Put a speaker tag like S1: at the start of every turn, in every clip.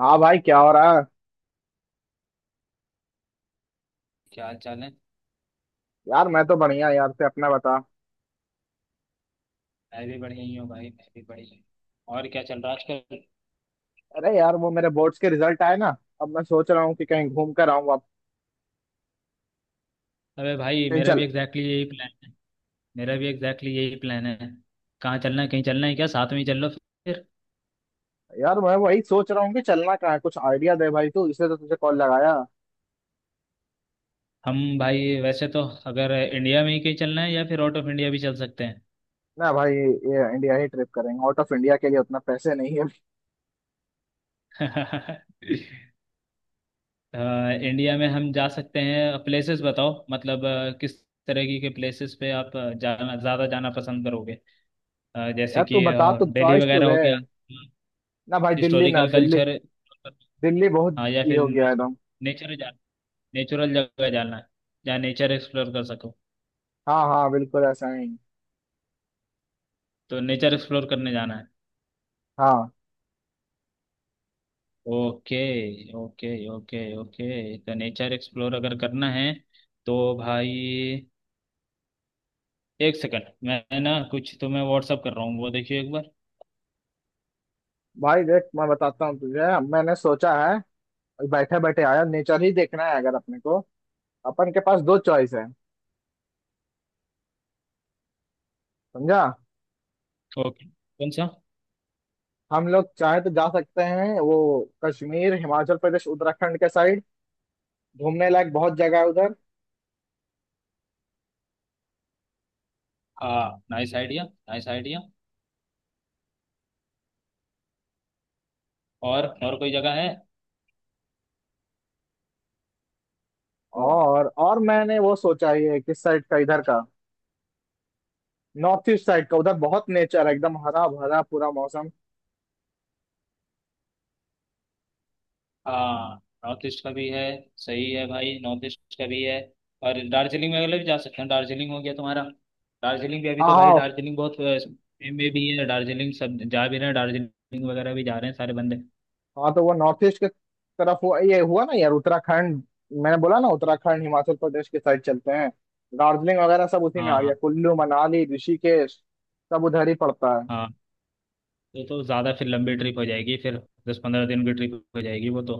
S1: हाँ भाई, क्या हो रहा है?
S2: क्या हाल चाल है।
S1: यार, मैं तो बढ़िया। यार, से अपना बता।
S2: मैं भी बढ़िया ही हूँ भाई। मैं भी बढ़िया हूँ। और क्या चल रहा है आजकल।
S1: अरे यार, वो मेरे बोर्ड्स के रिजल्ट आए ना। अब मैं सोच रहा हूँ कि कहीं घूम कर आऊँ अब।
S2: अबे भाई,
S1: कहीं
S2: मेरा
S1: चल।
S2: भी एग्जैक्टली exactly यही प्लान है। मेरा भी एग्जैक्टली exactly यही प्लान है। कहाँ चलना है? कहीं चलना है क्या? साथ में ही चल लो फिर।
S1: यार, मैं वही सोच रहा हूँ कि चलना कहाँ है। कुछ आइडिया दे भाई तू, इसलिए तो तुझे कॉल लगाया।
S2: हम भाई, वैसे तो अगर इंडिया में ही कहीं चलना है, या फिर आउट ऑफ इंडिया भी चल सकते हैं।
S1: ना भाई, ये इंडिया ही ट्रिप करेंगे, आउट ऑफ इंडिया के लिए उतना पैसे नहीं है।
S2: अ, इंडिया में हम जा सकते हैं। प्लेसेस बताओ, मतलब किस तरह की के प्लेसेस पे आप जाना ज़्यादा जाना पसंद करोगे। जैसे
S1: यार तू
S2: कि
S1: बता, तू
S2: दिल्ली
S1: चॉइस तो
S2: वगैरह हो
S1: दे।
S2: गया?
S1: ना भाई, दिल्ली ना
S2: हिस्टोरिकल
S1: दिल्ली,
S2: कल्चर।
S1: दिल्ली बहुत
S2: हाँ, या
S1: ये
S2: फिर
S1: हो गया है एकदम।
S2: नेचर जा नेचुरल जगह जाना है? जहाँ नेचर एक्सप्लोर कर सको।
S1: हाँ हाँ, बिल्कुल ऐसा ही।
S2: तो नेचर एक्सप्लोर करने जाना है।
S1: हाँ।
S2: ओके। ओके, ओके, ओके, तो नेचर एक्सप्लोर अगर करना है तो भाई, एक सेकंड, मैं ना कुछ तुम्हें व्हाट्सअप कर रहा हूँ, वो देखिए एक बार।
S1: भाई देख, मैं बताता हूँ तुझे, मैंने सोचा है। बैठे बैठे आया, नेचर ही देखना है अगर अपने को। अपन के पास दो चॉइस है, समझा।
S2: ओके, कौन सा?
S1: हम लोग चाहे तो जा सकते हैं वो कश्मीर, हिमाचल प्रदेश, उत्तराखंड के साइड। घूमने लायक बहुत जगह है उधर।
S2: हाँ, नाइस आइडिया। Nice idea. और कोई जगह है?
S1: और मैंने वो सोचा ही है किस साइड का, इधर का नॉर्थ ईस्ट साइड का। उधर बहुत नेचर है, एकदम हरा भरा पूरा मौसम।
S2: हाँ, नॉर्थ ईस्ट का भी है। सही है भाई, नॉर्थ ईस्ट का भी है। और दार्जिलिंग वगैरह भी जा सकते हैं। दार्जिलिंग हो गया तुम्हारा? दार्जिलिंग भी अभी
S1: हाँ
S2: तो भाई,
S1: हाँ।
S2: दार्जिलिंग बहुत में भी है। दार्जिलिंग सब जा भी रहे हैं, दार्जिलिंग वगैरह भी जा रहे हैं सारे बंदे।
S1: हाँ, तो वो नॉर्थ ईस्ट के तरफ हुआ ये। हुआ ना यार, उत्तराखंड मैंने बोला ना। उत्तराखंड, हिमाचल प्रदेश के साइड चलते हैं। दार्जिलिंग वगैरह सब उसी में
S2: हाँ,
S1: आ गया।
S2: हाँ,
S1: कुल्लू, मनाली, ऋषिकेश सब उधर ही पड़ता है।
S2: हाँ। ये तो ज़्यादा फिर लंबी ट्रिप हो जाएगी फिर। 10-15 दिन की ट्रिप हो जाएगी वो तो।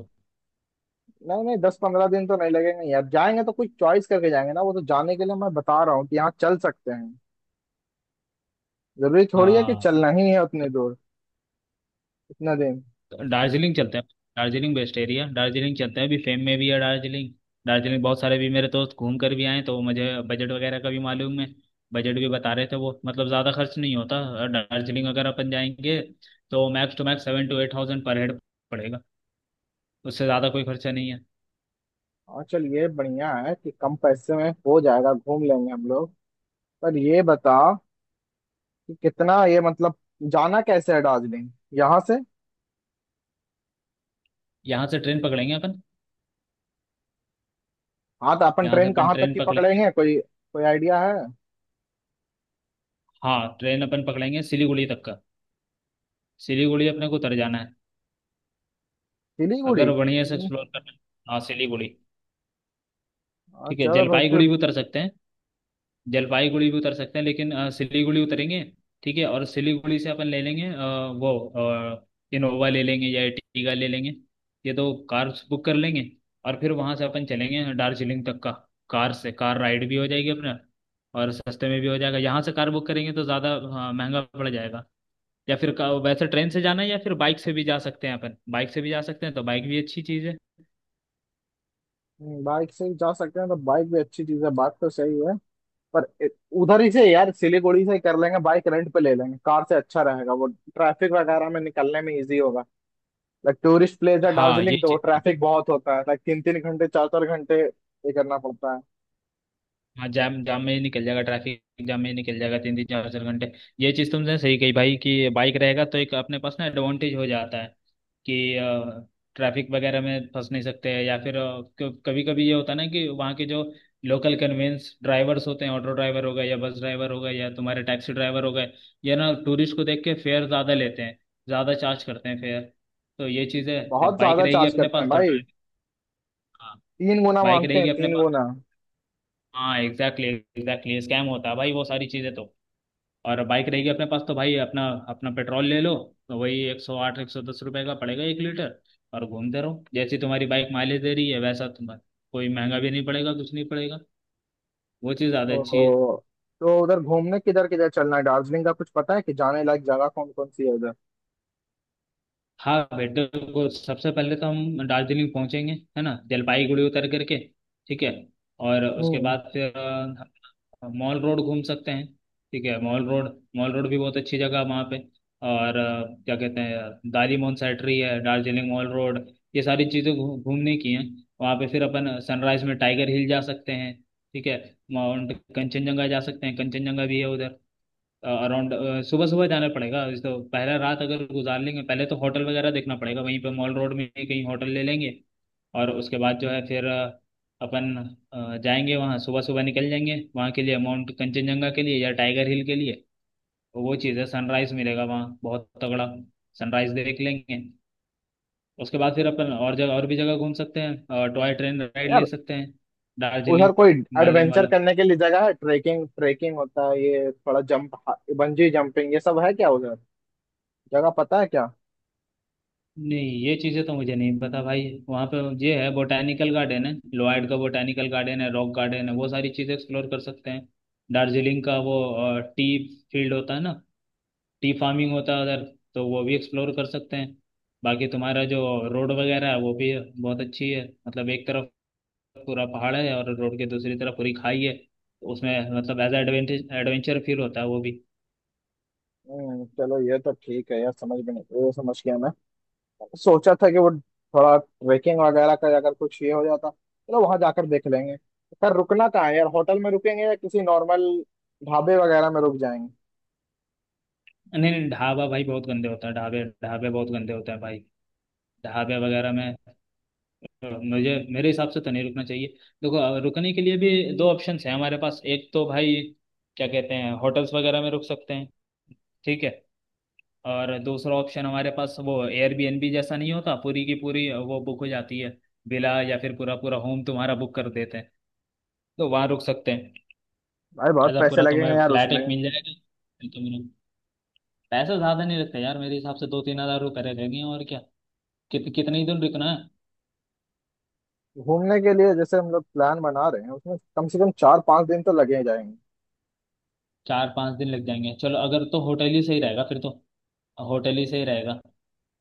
S1: नहीं नहीं, 10 15 दिन तो नहीं लगेंगे यार। जाएंगे तो कुछ चॉइस करके जाएंगे ना। वो तो जाने के लिए मैं बता रहा हूँ कि यहाँ चल सकते हैं। जरूरी थोड़ी है कि
S2: हाँ,
S1: चलना ही है उतने दूर, इतना दिन।
S2: दार्जिलिंग चलते हैं। Darjeeling best area. दार्जिलिंग चलते हैं, अभी फेम में भी है दार्जिलिंग। दार्जिलिंग बहुत सारे भी मेरे दोस्त घूम कर भी आए हैं, तो मुझे बजट वगैरह का भी मालूम है। बजट भी बता रहे थे वो, मतलब ज़्यादा खर्च नहीं होता। और दार्जिलिंग अगर अपन जाएंगे तो मैक्स टू मैक्स 7-8,000 पर हेड पड़ेगा। उससे ज़्यादा कोई खर्चा नहीं है।
S1: और चल, ये बढ़िया है कि कम पैसे में हो जाएगा, घूम लेंगे हम लोग। पर ये बता कि कितना ये मतलब जाना कैसे है दार्जिलिंग यहाँ से।
S2: यहाँ से ट्रेन पकड़ेंगे अपन।
S1: हाँ, तो अपन
S2: यहाँ से
S1: ट्रेन
S2: अपन
S1: कहाँ तक
S2: ट्रेन
S1: की
S2: पकड़ेंगे।
S1: पकड़ेंगे? कोई कोई आइडिया है?
S2: हाँ, ट्रेन अपन पकड़ेंगे सिलीगुड़ी तक का। सिलीगुड़ी अपने को उतर जाना है
S1: सिलीगुड़ी।
S2: अगर बढ़िया से एक्सप्लोर करना है। हाँ, सिलीगुड़ी।
S1: हाँ,
S2: ठीक है,
S1: चलो भाई
S2: जलपाईगुड़ी
S1: फिर।
S2: भी उतर सकते हैं। जलपाईगुड़ी भी उतर सकते हैं, लेकिन सिलीगुड़ी उतरेंगे। ठीक है। और सिलीगुड़ी से अपन ले लेंगे वो इनोवा ले लेंगे या एर्टिगा ले लेंगे। ये दो कार्स बुक कर लेंगे। और फिर वहां से अपन चलेंगे दार्जिलिंग तक का। कार से कार राइड भी हो जाएगी अपना, और सस्ते में भी हो जाएगा। यहाँ से कार बुक करेंगे तो ज़्यादा महंगा पड़ जाएगा। या फिर वैसे ट्रेन से जाना है, या फिर बाइक से भी जा सकते हैं अपन, बाइक से भी जा सकते हैं, तो बाइक भी अच्छी चीज़ है।
S1: बाइक से ही जा सकते हैं तो बाइक भी अच्छी चीज है, बात तो सही है। पर इ- उधर ही से यार, सिलीगुड़ी से ही कर लेंगे, बाइक रेंट पे ले लेंगे। कार से अच्छा रहेगा वो, ट्रैफिक वगैरह में निकलने में इजी होगा। लाइक, टूरिस्ट प्लेस है
S2: हाँ,
S1: दार्जिलिंग
S2: यही
S1: तो
S2: चीज़ है।
S1: ट्रैफिक बहुत होता है। लाइक, 3 3 घंटे, 4 4 घंटे ये करना पड़ता है।
S2: हाँ, जाम जाम में ही निकल जाएगा ट्रैफिक जाम में ही निकल जाएगा, तीन तीन चार चार घंटे। ये चीज़ तुमने सही कही भाई, कि बाइक रहेगा तो एक अपने पास ना एडवांटेज हो जाता है कि ट्रैफिक वगैरह में फंस नहीं सकते हैं। या फिर कभी कभी ये होता है ना कि वहाँ के जो लोकल कन्वेंस ड्राइवर्स होते हैं, ऑटो ड्राइवर हो गए, या बस ड्राइवर हो गए, या तुम्हारे टैक्सी ड्राइवर हो गए, ये ना टूरिस्ट को देख के फेयर ज़्यादा लेते हैं, ज़्यादा चार्ज करते हैं फेयर। तो ये चीज़ है, जब
S1: बहुत
S2: बाइक
S1: ज्यादा
S2: रहेगी
S1: चार्ज
S2: अपने
S1: करते
S2: पास
S1: हैं
S2: तो
S1: भाई।
S2: ट्रैफिक। हाँ,
S1: 3 गुना
S2: बाइक
S1: मांगते हैं,
S2: रहेगी अपने
S1: तीन
S2: पास।
S1: गुना
S2: हाँ, एग्जैक्टली एग्जैक्टली, स्कैम होता है भाई वो सारी चीज़ें तो। और बाइक रहेगी अपने पास तो भाई अपना अपना पेट्रोल ले लो, तो वही 108-110 रुपये का पड़ेगा 1 लीटर, और घूमते रहो जैसी तुम्हारी बाइक माइलेज दे रही है वैसा तुम्हारा। कोई महंगा भी नहीं पड़ेगा, कुछ नहीं पड़ेगा। वो चीज़ ज़्यादा अच्छी है।
S1: ओहो। तो उधर घूमने किधर किधर चलना है? दार्जिलिंग का कुछ पता है कि जाने लायक जगह कौन कौन सी है उधर?
S2: हाँ, बेटर को सबसे पहले तो हम दार्जिलिंग पहुंचेंगे, है ना, जलपाईगुड़ी उतर करके। ठीक है। और उसके
S1: हम्म
S2: बाद फिर हम मॉल रोड घूम सकते हैं। ठीक है, मॉल रोड। मॉल रोड भी बहुत अच्छी जगह है वहाँ पे। और क्या कहते हैं, दारी मोन सेट्री है, दार्जिलिंग मॉल रोड, ये सारी चीज़ें घूमने की हैं वहाँ पे। फिर अपन सनराइज में टाइगर हिल जा सकते हैं। ठीक है। माउंट कंचनजंगा जा सकते हैं, कंचनजंगा भी है उधर अराउंड। सुबह सुबह जाना पड़ेगा इस तो। पहला रात अगर गुजार लेंगे पहले, तो होटल वगैरह देखना पड़ेगा, वहीं पे मॉल रोड में ही कहीं होटल ले लेंगे। और उसके बाद जो है फिर अपन जाएंगे वहाँ, सुबह सुबह निकल जाएंगे वहाँ के लिए, माउंट कंचनजंगा के लिए या टाइगर हिल के लिए। वो चीज़ है, सनराइज मिलेगा वहाँ बहुत तगड़ा, सनराइज देख लेंगे। उसके बाद फिर अपन और जगह, और भी जगह घूम सकते हैं। टॉय ट्रेन राइड ले
S1: यार,
S2: सकते हैं, दार्जिलिंग
S1: उधर कोई
S2: हिमालयन
S1: एडवेंचर
S2: वाला।
S1: करने के लिए जगह है? ट्रेकिंग, ट्रेकिंग होता है ये थोड़ा। जंप, बंजी जंपिंग ये सब है क्या उधर? जगह पता है क्या?
S2: नहीं, ये चीज़ें तो मुझे नहीं पता भाई। वहाँ पे ये है बोटैनिकल गार्डन है, लॉयड का बोटैनिकल गार्डन है, रॉक गार्डन है, वो सारी चीज़ें एक्सप्लोर कर सकते हैं। दार्जिलिंग का वो टी फील्ड होता है ना, टी फार्मिंग होता है उधर, तो वो भी एक्सप्लोर कर सकते हैं। बाकी तुम्हारा जो रोड वगैरह है वो भी बहुत अच्छी है, मतलब एक तरफ पूरा पहाड़ है और रोड के दूसरी तरफ पूरी खाई है, तो उसमें मतलब एज एडवेंचर एडवेंचर फील होता है वो भी।
S1: चलो ये तो ठीक है यार। समझ में नहीं, ये समझ गया मैं। सोचा था कि वो थोड़ा ट्रेकिंग वगैरह का अगर कुछ ये हो जाता। चलो, वहां जाकर देख लेंगे। पर रुकना कहाँ है यार? होटल में रुकेंगे या किसी नॉर्मल ढाबे वगैरह में रुक जाएंगे?
S2: नहीं नहीं, ढाबा भाई बहुत गंदे होता है, ढाबे ढाबे बहुत गंदे होते हैं भाई, ढाबे वगैरह में, मुझे मेरे हिसाब से तो नहीं रुकना चाहिए। देखो रुकने के लिए भी दो ऑप्शंस हैं हमारे पास। एक तो भाई क्या कहते हैं होटल्स वगैरह में रुक सकते हैं। ठीक है। और दूसरा ऑप्शन हमारे पास वो एयरबीएनबी जैसा, नहीं होता पूरी की पूरी वो बुक हो जाती है, विला या फिर पूरा पूरा होम तुम्हारा बुक कर देते हैं, तो वहाँ रुक सकते हैं।
S1: भाई बहुत
S2: आधा
S1: पैसे
S2: पूरा
S1: लगेंगे
S2: तुम्हें
S1: यार
S2: फ्लैट
S1: उसमें।
S2: एक मिल जाएगा, तो तुम्हें पैसा ज़्यादा नहीं लगता यार, मेरे हिसाब से 2-3 हज़ार रुपये रहेंगे और क्या। कितने ही दिन रुकना है।
S1: घूमने के लिए जैसे हम लोग प्लान बना रहे हैं, उसमें कम से कम 4 5 दिन तो लगे ही जाएंगे।
S2: 4-5 दिन लग जाएंगे, चलो अगर तो होटल ही सही रहेगा फिर तो। होटल ही सही रहेगा,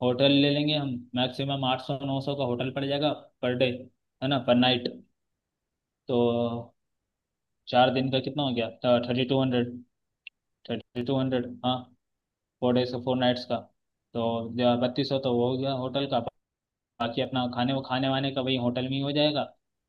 S2: होटल ले लेंगे हम। मैक्सिमम 800-900 का होटल पड़ जाएगा पर डे, है ना, पर नाइट। तो 4 दिन का कितना हो गया, 3,200, 3,200। हाँ, 4 days का, 4 nights का। तो 3,200 तो वो हो गया होटल का। बाकी अपना खाने वाने का वही होटल में ही हो जाएगा।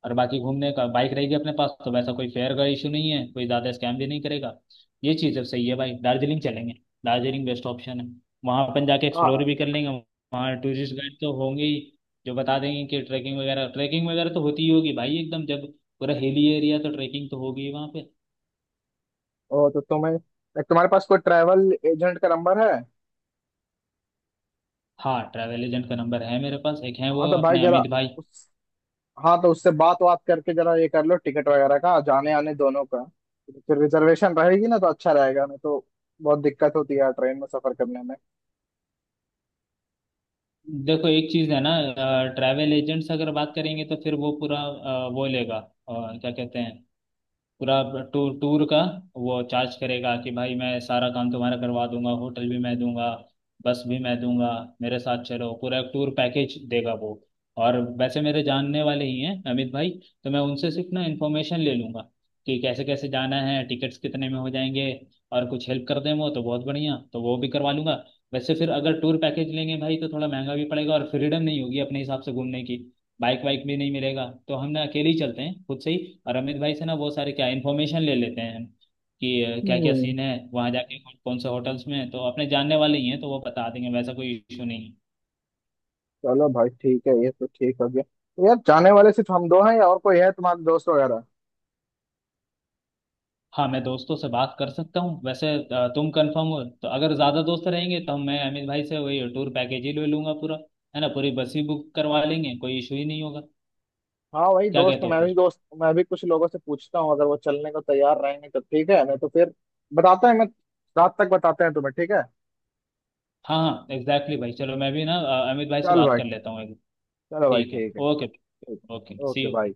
S2: और बाकी घूमने का बाइक रहेगी अपने पास तो वैसा कोई फेयर का इशू नहीं है, कोई ज़्यादा स्कैम भी नहीं करेगा। ये चीज़ अब सही है भाई, दार्जिलिंग चलेंगे। दार्जिलिंग बेस्ट ऑप्शन है, वहाँ अपन जाके एक्सप्लोर
S1: हाँ।
S2: भी कर लेंगे। वहाँ टूरिस्ट गाइड तो होंगे ही, जो बता देंगे कि ट्रैकिंग वगैरह, ट्रैकिंग वगैरह तो होती ही होगी भाई, एकदम जब पूरा हिली एरिया, तो ट्रैकिंग तो होगी ही वहाँ पे।
S1: ओ, तो तुम्हें तुम्हारे पास कोई ट्रैवल एजेंट का नंबर है?
S2: हाँ, ट्रैवल एजेंट का नंबर है मेरे पास, एक है,
S1: हाँ,
S2: वो
S1: तो भाई
S2: अपने
S1: जरा
S2: अमित भाई।
S1: उस हाँ, तो उससे बात बात करके जरा ये कर लो, टिकट वगैरह का जाने आने दोनों का। फिर रिजर्वेशन रहेगी ना, तो अच्छा रहेगा। नहीं तो बहुत दिक्कत होती है यार ट्रेन में सफर करने में।
S2: देखो एक चीज है ना, ट्रैवल एजेंट्स अगर बात करेंगे तो फिर वो पूरा वो लेगा क्या कहते हैं, पूरा टूर टूर का वो चार्ज करेगा कि भाई, मैं सारा काम तुम्हारा करवा दूंगा, होटल भी मैं दूंगा, बस भी मैं दूंगा, मेरे साथ चलो, पूरा टूर पैकेज देगा वो। और वैसे मेरे जानने वाले ही हैं अमित भाई, तो मैं उनसे सिर्फ ना इन्फॉर्मेशन ले लूंगा कि कैसे कैसे जाना है, टिकट्स कितने में हो जाएंगे, और कुछ हेल्प कर दें वो तो बहुत बढ़िया, तो वो भी करवा लूंगा। वैसे फिर अगर टूर पैकेज लेंगे भाई तो थोड़ा महंगा भी पड़ेगा, और फ्रीडम नहीं होगी अपने हिसाब से घूमने की, बाइक वाइक भी नहीं मिलेगा, तो हम ना अकेले ही चलते हैं खुद से ही, और अमित भाई से ना बहुत सारे क्या इन्फॉर्मेशन ले लेते हैं हम, कि क्या क्या
S1: हम्म
S2: सीन है वहाँ जाके, कौन कौन से होटल्स में है। तो अपने जानने वाले ही हैं, तो वो बता देंगे, वैसा कोई इशू नहीं है।
S1: चलो भाई ठीक है, ये तो ठीक हो गया। तो यार, जाने वाले सिर्फ हम दो हैं या और कोई है तुम्हारे दोस्त वगैरह?
S2: हाँ, मैं दोस्तों से बात कर सकता हूँ वैसे, तुम कंफर्म हो तो। अगर ज़्यादा दोस्त रहेंगे तो हम, मैं अमित भाई से वही टूर पैकेज ही ले लूंगा पूरा, है ना, पूरी बस ही बुक करवा लेंगे, कोई इशू ही नहीं होगा।
S1: हाँ, वही
S2: क्या
S1: दोस्त।
S2: कहते हो फिर?
S1: मैं भी कुछ लोगों से पूछता हूँ, अगर वो चलने को तैयार रहेंगे तो ठीक है, नहीं तो फिर। बताते हैं मैं रात तक बताते हैं तुम्हें, ठीक है?
S2: हाँ, हाँ, एग्जैक्टली भाई, चलो मैं भी ना अमित भाई से
S1: चल
S2: बात
S1: भाई।
S2: कर लेता हूँ एक।
S1: चलो भाई
S2: ठीक है।
S1: ठीक है।
S2: ओके।
S1: ठीक
S2: ओके,
S1: है,
S2: सी
S1: ओके
S2: यू।
S1: बाय।